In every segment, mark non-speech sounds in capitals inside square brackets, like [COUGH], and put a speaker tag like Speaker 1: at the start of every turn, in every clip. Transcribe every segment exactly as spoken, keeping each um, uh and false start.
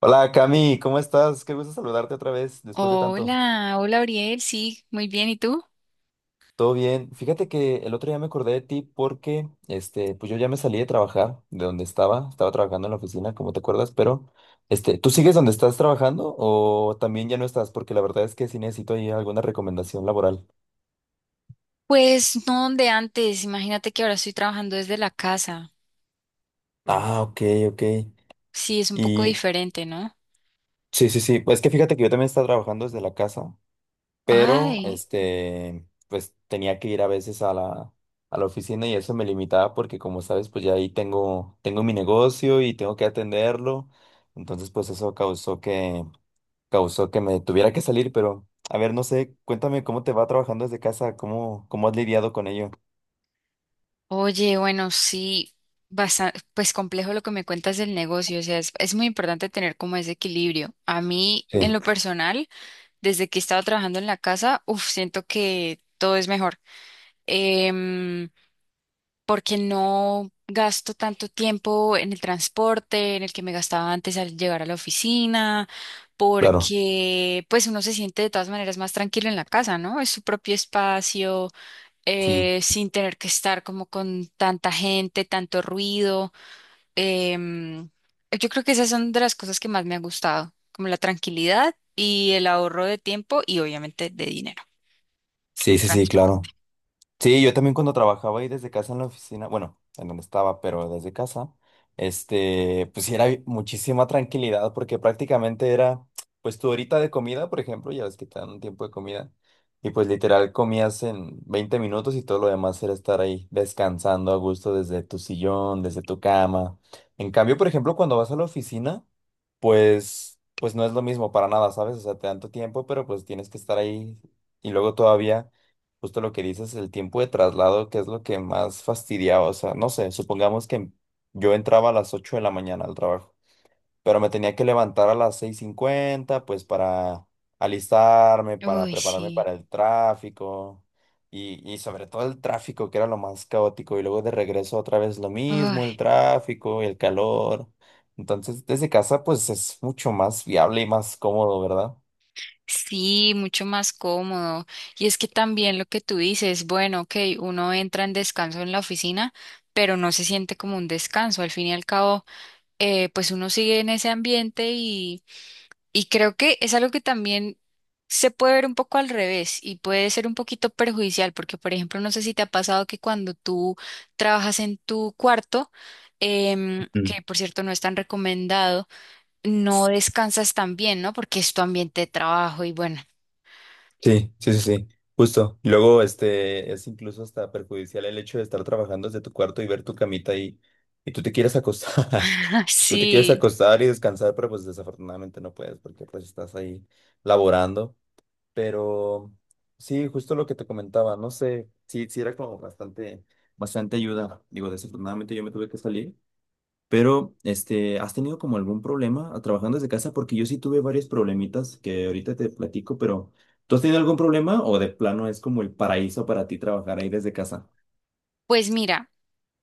Speaker 1: Hola Cami, ¿cómo estás? Qué gusto saludarte otra vez después de tanto.
Speaker 2: Hola, hola Ariel, sí, muy bien, ¿y tú?
Speaker 1: ¿Todo bien? Fíjate que el otro día me acordé de ti porque, este, pues yo ya me salí de trabajar de donde estaba, estaba trabajando en la oficina, como te acuerdas, pero, este, ¿tú sigues donde estás trabajando o también ya no estás? Porque la verdad es que sí necesito ahí alguna recomendación laboral.
Speaker 2: Pues no donde antes, imagínate que ahora estoy trabajando desde la casa.
Speaker 1: Ah, ok, ok.
Speaker 2: Sí, es un poco
Speaker 1: Y
Speaker 2: diferente, ¿no?
Speaker 1: sí, sí, sí, pues es que fíjate que yo también estaba trabajando desde la casa, pero
Speaker 2: Ay,
Speaker 1: este, pues tenía que ir a veces a la, a la oficina y eso me limitaba porque como sabes, pues ya ahí tengo, tengo mi negocio y tengo que atenderlo, entonces pues eso causó que, causó que me tuviera que salir, pero a ver, no sé, cuéntame cómo te va trabajando desde casa, cómo, cómo has lidiado con ello.
Speaker 2: oye, bueno, sí, bastante, pues complejo lo que me cuentas del negocio, o sea, es, es muy importante tener como ese equilibrio. A mí, en
Speaker 1: Sí,
Speaker 2: lo personal, desde que he estado trabajando en la casa, uf, siento que todo es mejor. Em, Porque no gasto tanto tiempo en el transporte, en el que me gastaba antes al llegar a la oficina,
Speaker 1: claro.
Speaker 2: porque pues uno se siente de todas maneras más tranquilo en la casa, ¿no? Es su propio espacio,
Speaker 1: Sí,
Speaker 2: eh, sin tener que estar como con tanta gente, tanto ruido. Em, yo creo que esas son de las cosas que más me ha gustado, como la tranquilidad y el ahorro de tiempo y obviamente de dinero en
Speaker 1: sí, sí, sí,
Speaker 2: transporte.
Speaker 1: claro. Sí, yo también cuando trabajaba ahí desde casa en la oficina, bueno, en donde estaba, pero desde casa, este, pues sí era bi- muchísima tranquilidad porque prácticamente era, pues tu horita de comida, por ejemplo, ya ves que te dan un tiempo de comida, y pues literal comías en veinte minutos y todo lo demás era estar ahí descansando a gusto desde tu sillón, desde tu cama. En cambio, por ejemplo, cuando vas a la oficina, pues, pues no es lo mismo para nada, ¿sabes? O sea, te dan tu tiempo, pero pues tienes que estar ahí y luego todavía. Justo lo que dices, el tiempo de traslado, que es lo que más fastidiaba. O sea, no sé, supongamos que yo entraba a las ocho de la mañana al trabajo, pero me tenía que levantar a las seis cincuenta pues para alistarme, para
Speaker 2: Uy,
Speaker 1: prepararme
Speaker 2: sí.
Speaker 1: para el tráfico y, y sobre todo el tráfico, que era lo más caótico. Y luego de regreso otra vez lo
Speaker 2: Uy.
Speaker 1: mismo, el tráfico, el calor. Entonces, desde casa, pues es mucho más viable y más cómodo, ¿verdad?
Speaker 2: Sí, mucho más cómodo. Y es que también lo que tú dices, bueno, ok, uno entra en descanso en la oficina, pero no se siente como un descanso. Al fin y al cabo, eh, pues uno sigue en ese ambiente y, y creo que es algo que también se puede ver un poco al revés y puede ser un poquito perjudicial, porque por ejemplo, no sé si te ha pasado que cuando tú trabajas en tu cuarto, em, que por cierto no es tan recomendado, no descansas tan bien, ¿no? Porque es tu ambiente de trabajo y bueno.
Speaker 1: Sí, sí, sí, sí, justo. Y luego, este, es incluso hasta perjudicial el hecho de estar trabajando desde tu cuarto y ver tu camita y, y tú te quieres acostar,
Speaker 2: [LAUGHS]
Speaker 1: [LAUGHS] tú te quieres
Speaker 2: Sí,
Speaker 1: acostar y descansar, pero pues desafortunadamente no puedes porque pues estás ahí laborando. Pero sí, justo lo que te comentaba, no sé, sí, sí era como bastante, bastante ayuda. Digo, desafortunadamente yo me tuve que salir, pero, este, ¿has tenido como algún problema a- trabajando desde casa? Porque yo sí tuve varios problemitas que ahorita te platico, pero ¿tú has tenido algún problema o de plano es como el paraíso para ti trabajar ahí desde casa?
Speaker 2: pues mira,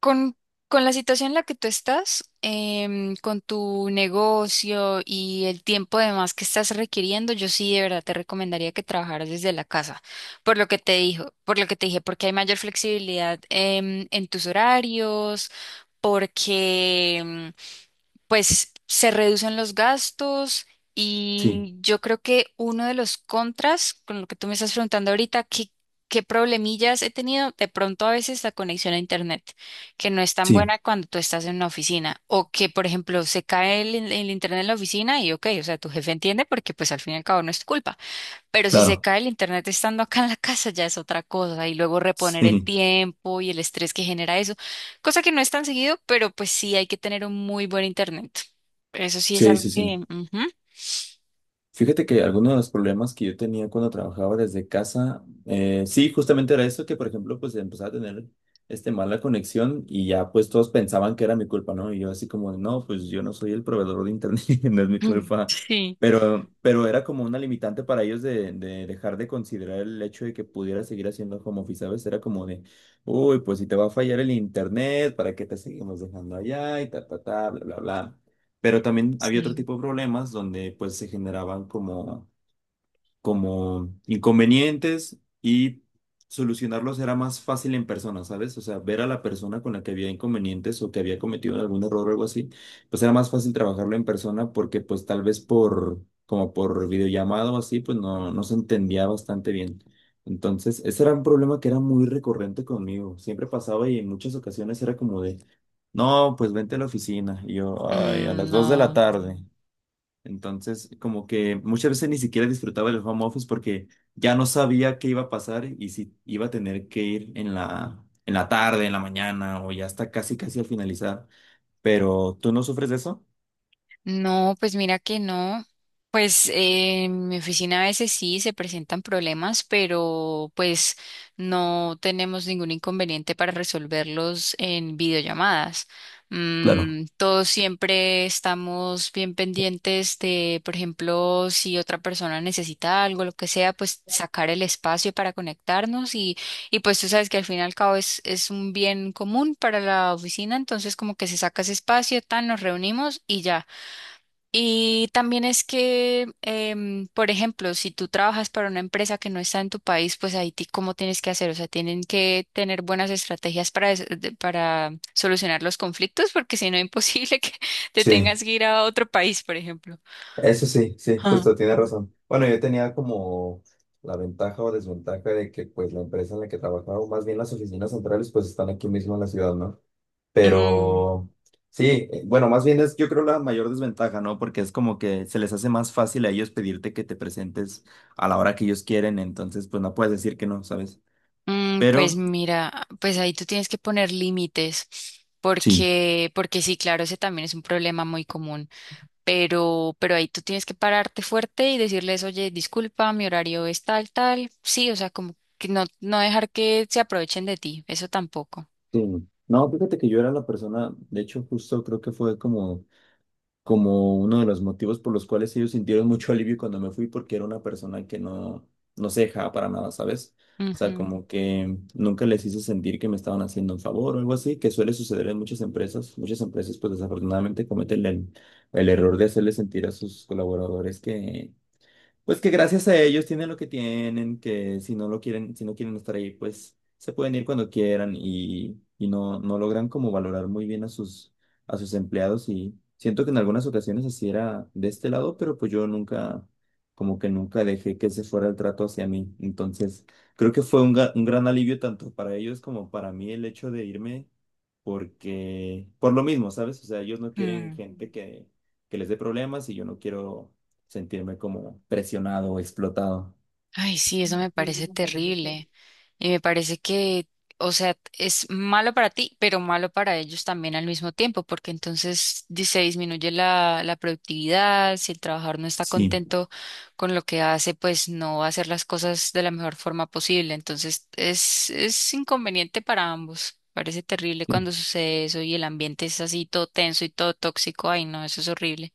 Speaker 2: con, con la situación en la que tú estás, em, con tu negocio y el tiempo además que estás requiriendo, yo sí de verdad te recomendaría que trabajaras desde la casa, por lo que te dijo, por lo que te dije, porque hay mayor flexibilidad em, en tus horarios, porque em, pues se reducen los gastos
Speaker 1: Sí,
Speaker 2: y yo creo que uno de los contras, con lo que tú me estás preguntando ahorita, ¿qué, qué problemillas he tenido? De pronto a veces la conexión a internet, que no es tan
Speaker 1: sí,
Speaker 2: buena cuando tú estás en una oficina o que, por ejemplo, se cae el, el internet en la oficina y ok, o sea, tu jefe entiende porque pues al fin y al cabo no es tu culpa. Pero si se
Speaker 1: claro.
Speaker 2: cae el internet estando acá en la casa ya es otra cosa y luego reponer el
Speaker 1: Sí,
Speaker 2: tiempo y el estrés que genera eso, cosa que no es tan seguido, pero pues sí hay que tener un muy buen internet. Eso sí es
Speaker 1: sí,
Speaker 2: algo
Speaker 1: sí,
Speaker 2: que
Speaker 1: sí.
Speaker 2: ujú.
Speaker 1: Fíjate que algunos de los problemas que yo tenía cuando trabajaba desde casa, eh, sí, justamente era eso, que por ejemplo, pues empezaba a tener este mala conexión y ya pues todos pensaban que era mi culpa, ¿no? Y yo así como, no, pues yo no soy el proveedor de internet, [LAUGHS] no es mi
Speaker 2: Mm,
Speaker 1: culpa.
Speaker 2: sí,
Speaker 1: Pero, pero era como una limitante para ellos de, de dejar de considerar el hecho de que pudiera seguir haciendo home office, ¿sabes? Era como de, uy, pues si te va a fallar el internet, ¿para qué te seguimos dejando allá? Y ta, ta, ta, bla, bla, bla. Pero también había otro
Speaker 2: sí.
Speaker 1: tipo de problemas donde pues se generaban como como inconvenientes y solucionarlos era más fácil en persona, ¿sabes? O sea, ver a la persona con la que había inconvenientes o que había cometido algún error o algo así, pues era más fácil trabajarlo en persona porque pues tal vez por, como por videollamado o así, pues no, no se entendía bastante bien. Entonces, ese era un problema que era muy recurrente conmigo. Siempre pasaba y en muchas ocasiones era como de, no, pues vente a la oficina. Y yo, ay, a las
Speaker 2: Mm,
Speaker 1: dos de la
Speaker 2: no.
Speaker 1: tarde. Entonces, como que muchas veces ni siquiera disfrutaba del home office porque ya no sabía qué iba a pasar y si iba a tener que ir en la, en la tarde, en la mañana o ya hasta casi, casi al finalizar. Pero, ¿tú no sufres de eso?
Speaker 2: No, pues mira que no. Pues eh, en mi oficina a veces sí se presentan problemas, pero pues no tenemos ningún inconveniente para resolverlos en videollamadas.
Speaker 1: Claro,
Speaker 2: Mm, todos siempre estamos bien pendientes de, por ejemplo, si otra persona necesita algo, lo que sea, pues sacar el espacio para conectarnos y, y pues tú sabes que al fin y al cabo es, es un bien común para la oficina, entonces como que se saca ese espacio, tan nos reunimos y ya. Y también es que, em, por ejemplo, si tú trabajas para una empresa que no está en tu país, pues ahí ti- cómo tienes que hacer, o sea, tienen que tener buenas estrategias para, des- de- para solucionar los conflictos, porque si no [LAUGHS] es imposible que [LAUGHS] te
Speaker 1: sí,
Speaker 2: tengas que ir a otro país, por ejemplo.
Speaker 1: eso sí, sí,
Speaker 2: Ah.
Speaker 1: justo tienes razón. Bueno, yo tenía como la ventaja o desventaja de que pues la empresa en la que trabajaba, o más bien las oficinas centrales, pues están aquí mismo en la ciudad, ¿no?
Speaker 2: Mm,
Speaker 1: Pero sí, eh, bueno, más bien es yo creo la mayor desventaja, ¿no? Porque es como que se les hace más fácil a ellos pedirte que te presentes a la hora que ellos quieren, entonces pues no puedes decir que no, ¿sabes?
Speaker 2: mm, pues
Speaker 1: Pero
Speaker 2: mira, pues ahí tú tienes que poner límites,
Speaker 1: sí.
Speaker 2: porque, porque sí, claro, ese también es un problema muy común. Pero, pero ahí tú tienes que pararte fuerte y decirles, oye, disculpa, mi horario es tal, tal. Sí, o sea, como que no, no dejar que se aprovechen de ti, eso tampoco.
Speaker 1: Sí. No, fíjate que yo era la persona, de hecho justo creo que fue como como uno de los motivos por los cuales ellos sintieron mucho alivio cuando me fui, porque era una persona que no, no se dejaba para nada, ¿sabes? O sea, como que nunca les hice sentir que me estaban haciendo un favor o algo así, que suele suceder en muchas empresas. Muchas empresas, pues desafortunadamente cometen el, el error de hacerle sentir a sus colaboradores que, pues que gracias a ellos tienen lo que tienen, que si no lo quieren, si no quieren estar ahí, pues se pueden ir cuando quieran y, y no, no logran como valorar muy bien a sus, a sus empleados y siento que en algunas ocasiones así era de este lado, pero pues yo nunca, como que nunca dejé que ese fuera el trato hacia mí. Entonces, creo que fue un, ga- un gran alivio tanto para ellos como para mí el hecho de irme porque, por lo mismo, ¿sabes? O sea, ellos no
Speaker 2: Ujú.
Speaker 1: quieren
Speaker 2: Mm.
Speaker 1: gente que, que les dé problemas y yo no quiero sentirme como presionado o explotado.
Speaker 2: Ay, sí, eso me parece terrible. Y me parece que, o sea, es malo para ti, pero malo para ellos también al mismo tiempo, porque entonces di- se disminuye la, la productividad, si el trabajador no está
Speaker 1: Sí,
Speaker 2: contento con lo que hace, pues no va a hacer las cosas de la mejor forma posible. Entonces es, es inconveniente para ambos. Parece terrible
Speaker 1: sí,
Speaker 2: cuando sucede eso y el ambiente es así todo tenso y todo tóxico. Ay, no, eso es horrible.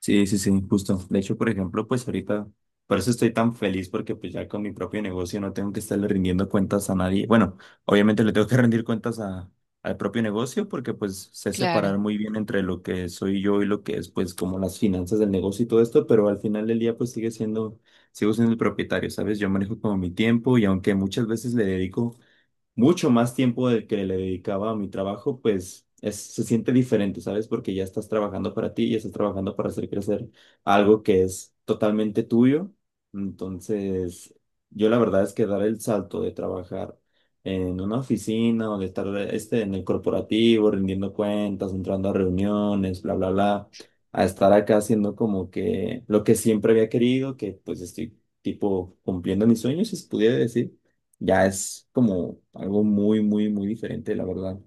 Speaker 1: sí, sí, sí, justo. De hecho, por ejemplo, pues ahorita, por eso estoy tan feliz porque pues ya con mi propio negocio no tengo que estarle rindiendo cuentas a nadie. Bueno, obviamente le tengo que [LAUGHS] rendir cuentas a, al propio negocio porque pues sé
Speaker 2: Claro.
Speaker 1: separar muy bien entre lo que soy yo y lo que es pues como las finanzas del negocio y todo esto, pero al final del día pues sigue siendo, sigo siendo el propietario, ¿sabes? Yo manejo como mi tiempo y aunque muchas veces le dedico mucho más tiempo del que le dedicaba a mi trabajo, pues es, se siente diferente, ¿sabes? Porque ya estás trabajando para ti, ya estás trabajando para hacer crecer algo que es totalmente tuyo. Entonces, yo la verdad es que dar el salto de trabajar en una oficina o de estar este, en el corporativo, rindiendo cuentas, entrando a reuniones, bla, bla, bla, a estar acá haciendo como que lo que siempre había querido, que pues estoy tipo cumpliendo mis sueños, si se pudiera decir, ya es como algo muy, muy, muy diferente, la verdad.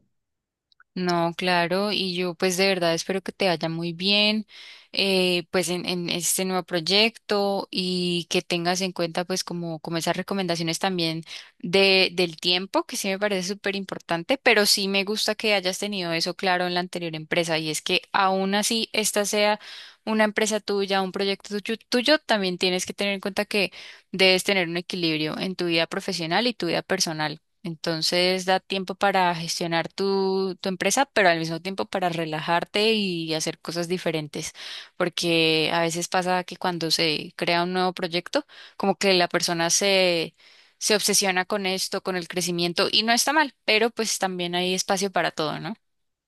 Speaker 2: No, claro, y yo pues de verdad espero que te vaya muy bien eh, pues en, en este nuevo proyecto y que tengas en cuenta pues como, como esas recomendaciones también de, del tiempo, que sí me parece súper importante, pero sí me gusta que hayas tenido eso claro en la anterior empresa y es que aún así esta sea una empresa tuya, un proyecto tuyo, tuyo, también tienes que tener en cuenta que debes tener un equilibrio en tu vida profesional y tu vida personal. Entonces da tiempo para gestionar tu, tu empresa, pero al mismo tiempo para relajarte y hacer cosas diferentes, porque a veces pasa que cuando se crea un nuevo proyecto, como que la persona se, se obsesiona con esto, con el crecimiento, y no está mal, pero pues también hay espacio para todo, ¿no?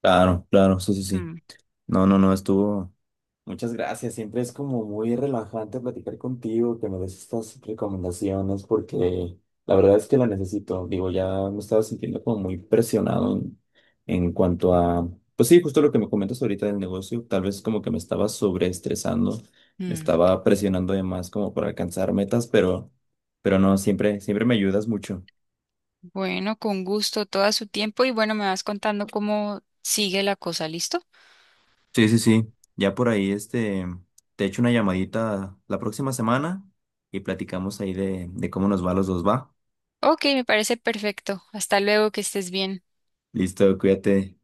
Speaker 1: Claro, claro, sí, sí, sí.
Speaker 2: Mm.
Speaker 1: No, no, no, estuvo. Muchas gracias, siempre es como muy relajante platicar contigo, que me des estas recomendaciones, porque la verdad es que la necesito. Digo, ya me estaba sintiendo como muy presionado en, en cuanto a, pues sí, justo lo que me comentas ahorita del negocio, tal vez como que me estaba sobreestresando, me
Speaker 2: Mm.
Speaker 1: estaba presionando de más como para alcanzar metas, pero, pero no, siempre, siempre me ayudas mucho.
Speaker 2: Bueno, con gusto, todo su tiempo, y bueno, me vas contando cómo sigue la cosa, ¿listo?
Speaker 1: Sí, sí, sí. Ya por ahí, este, te echo una llamadita la próxima semana y platicamos ahí de, de cómo nos va a los dos, ¿va?
Speaker 2: Ok, me parece perfecto. Hasta luego, que estés bien.
Speaker 1: Listo, cuídate.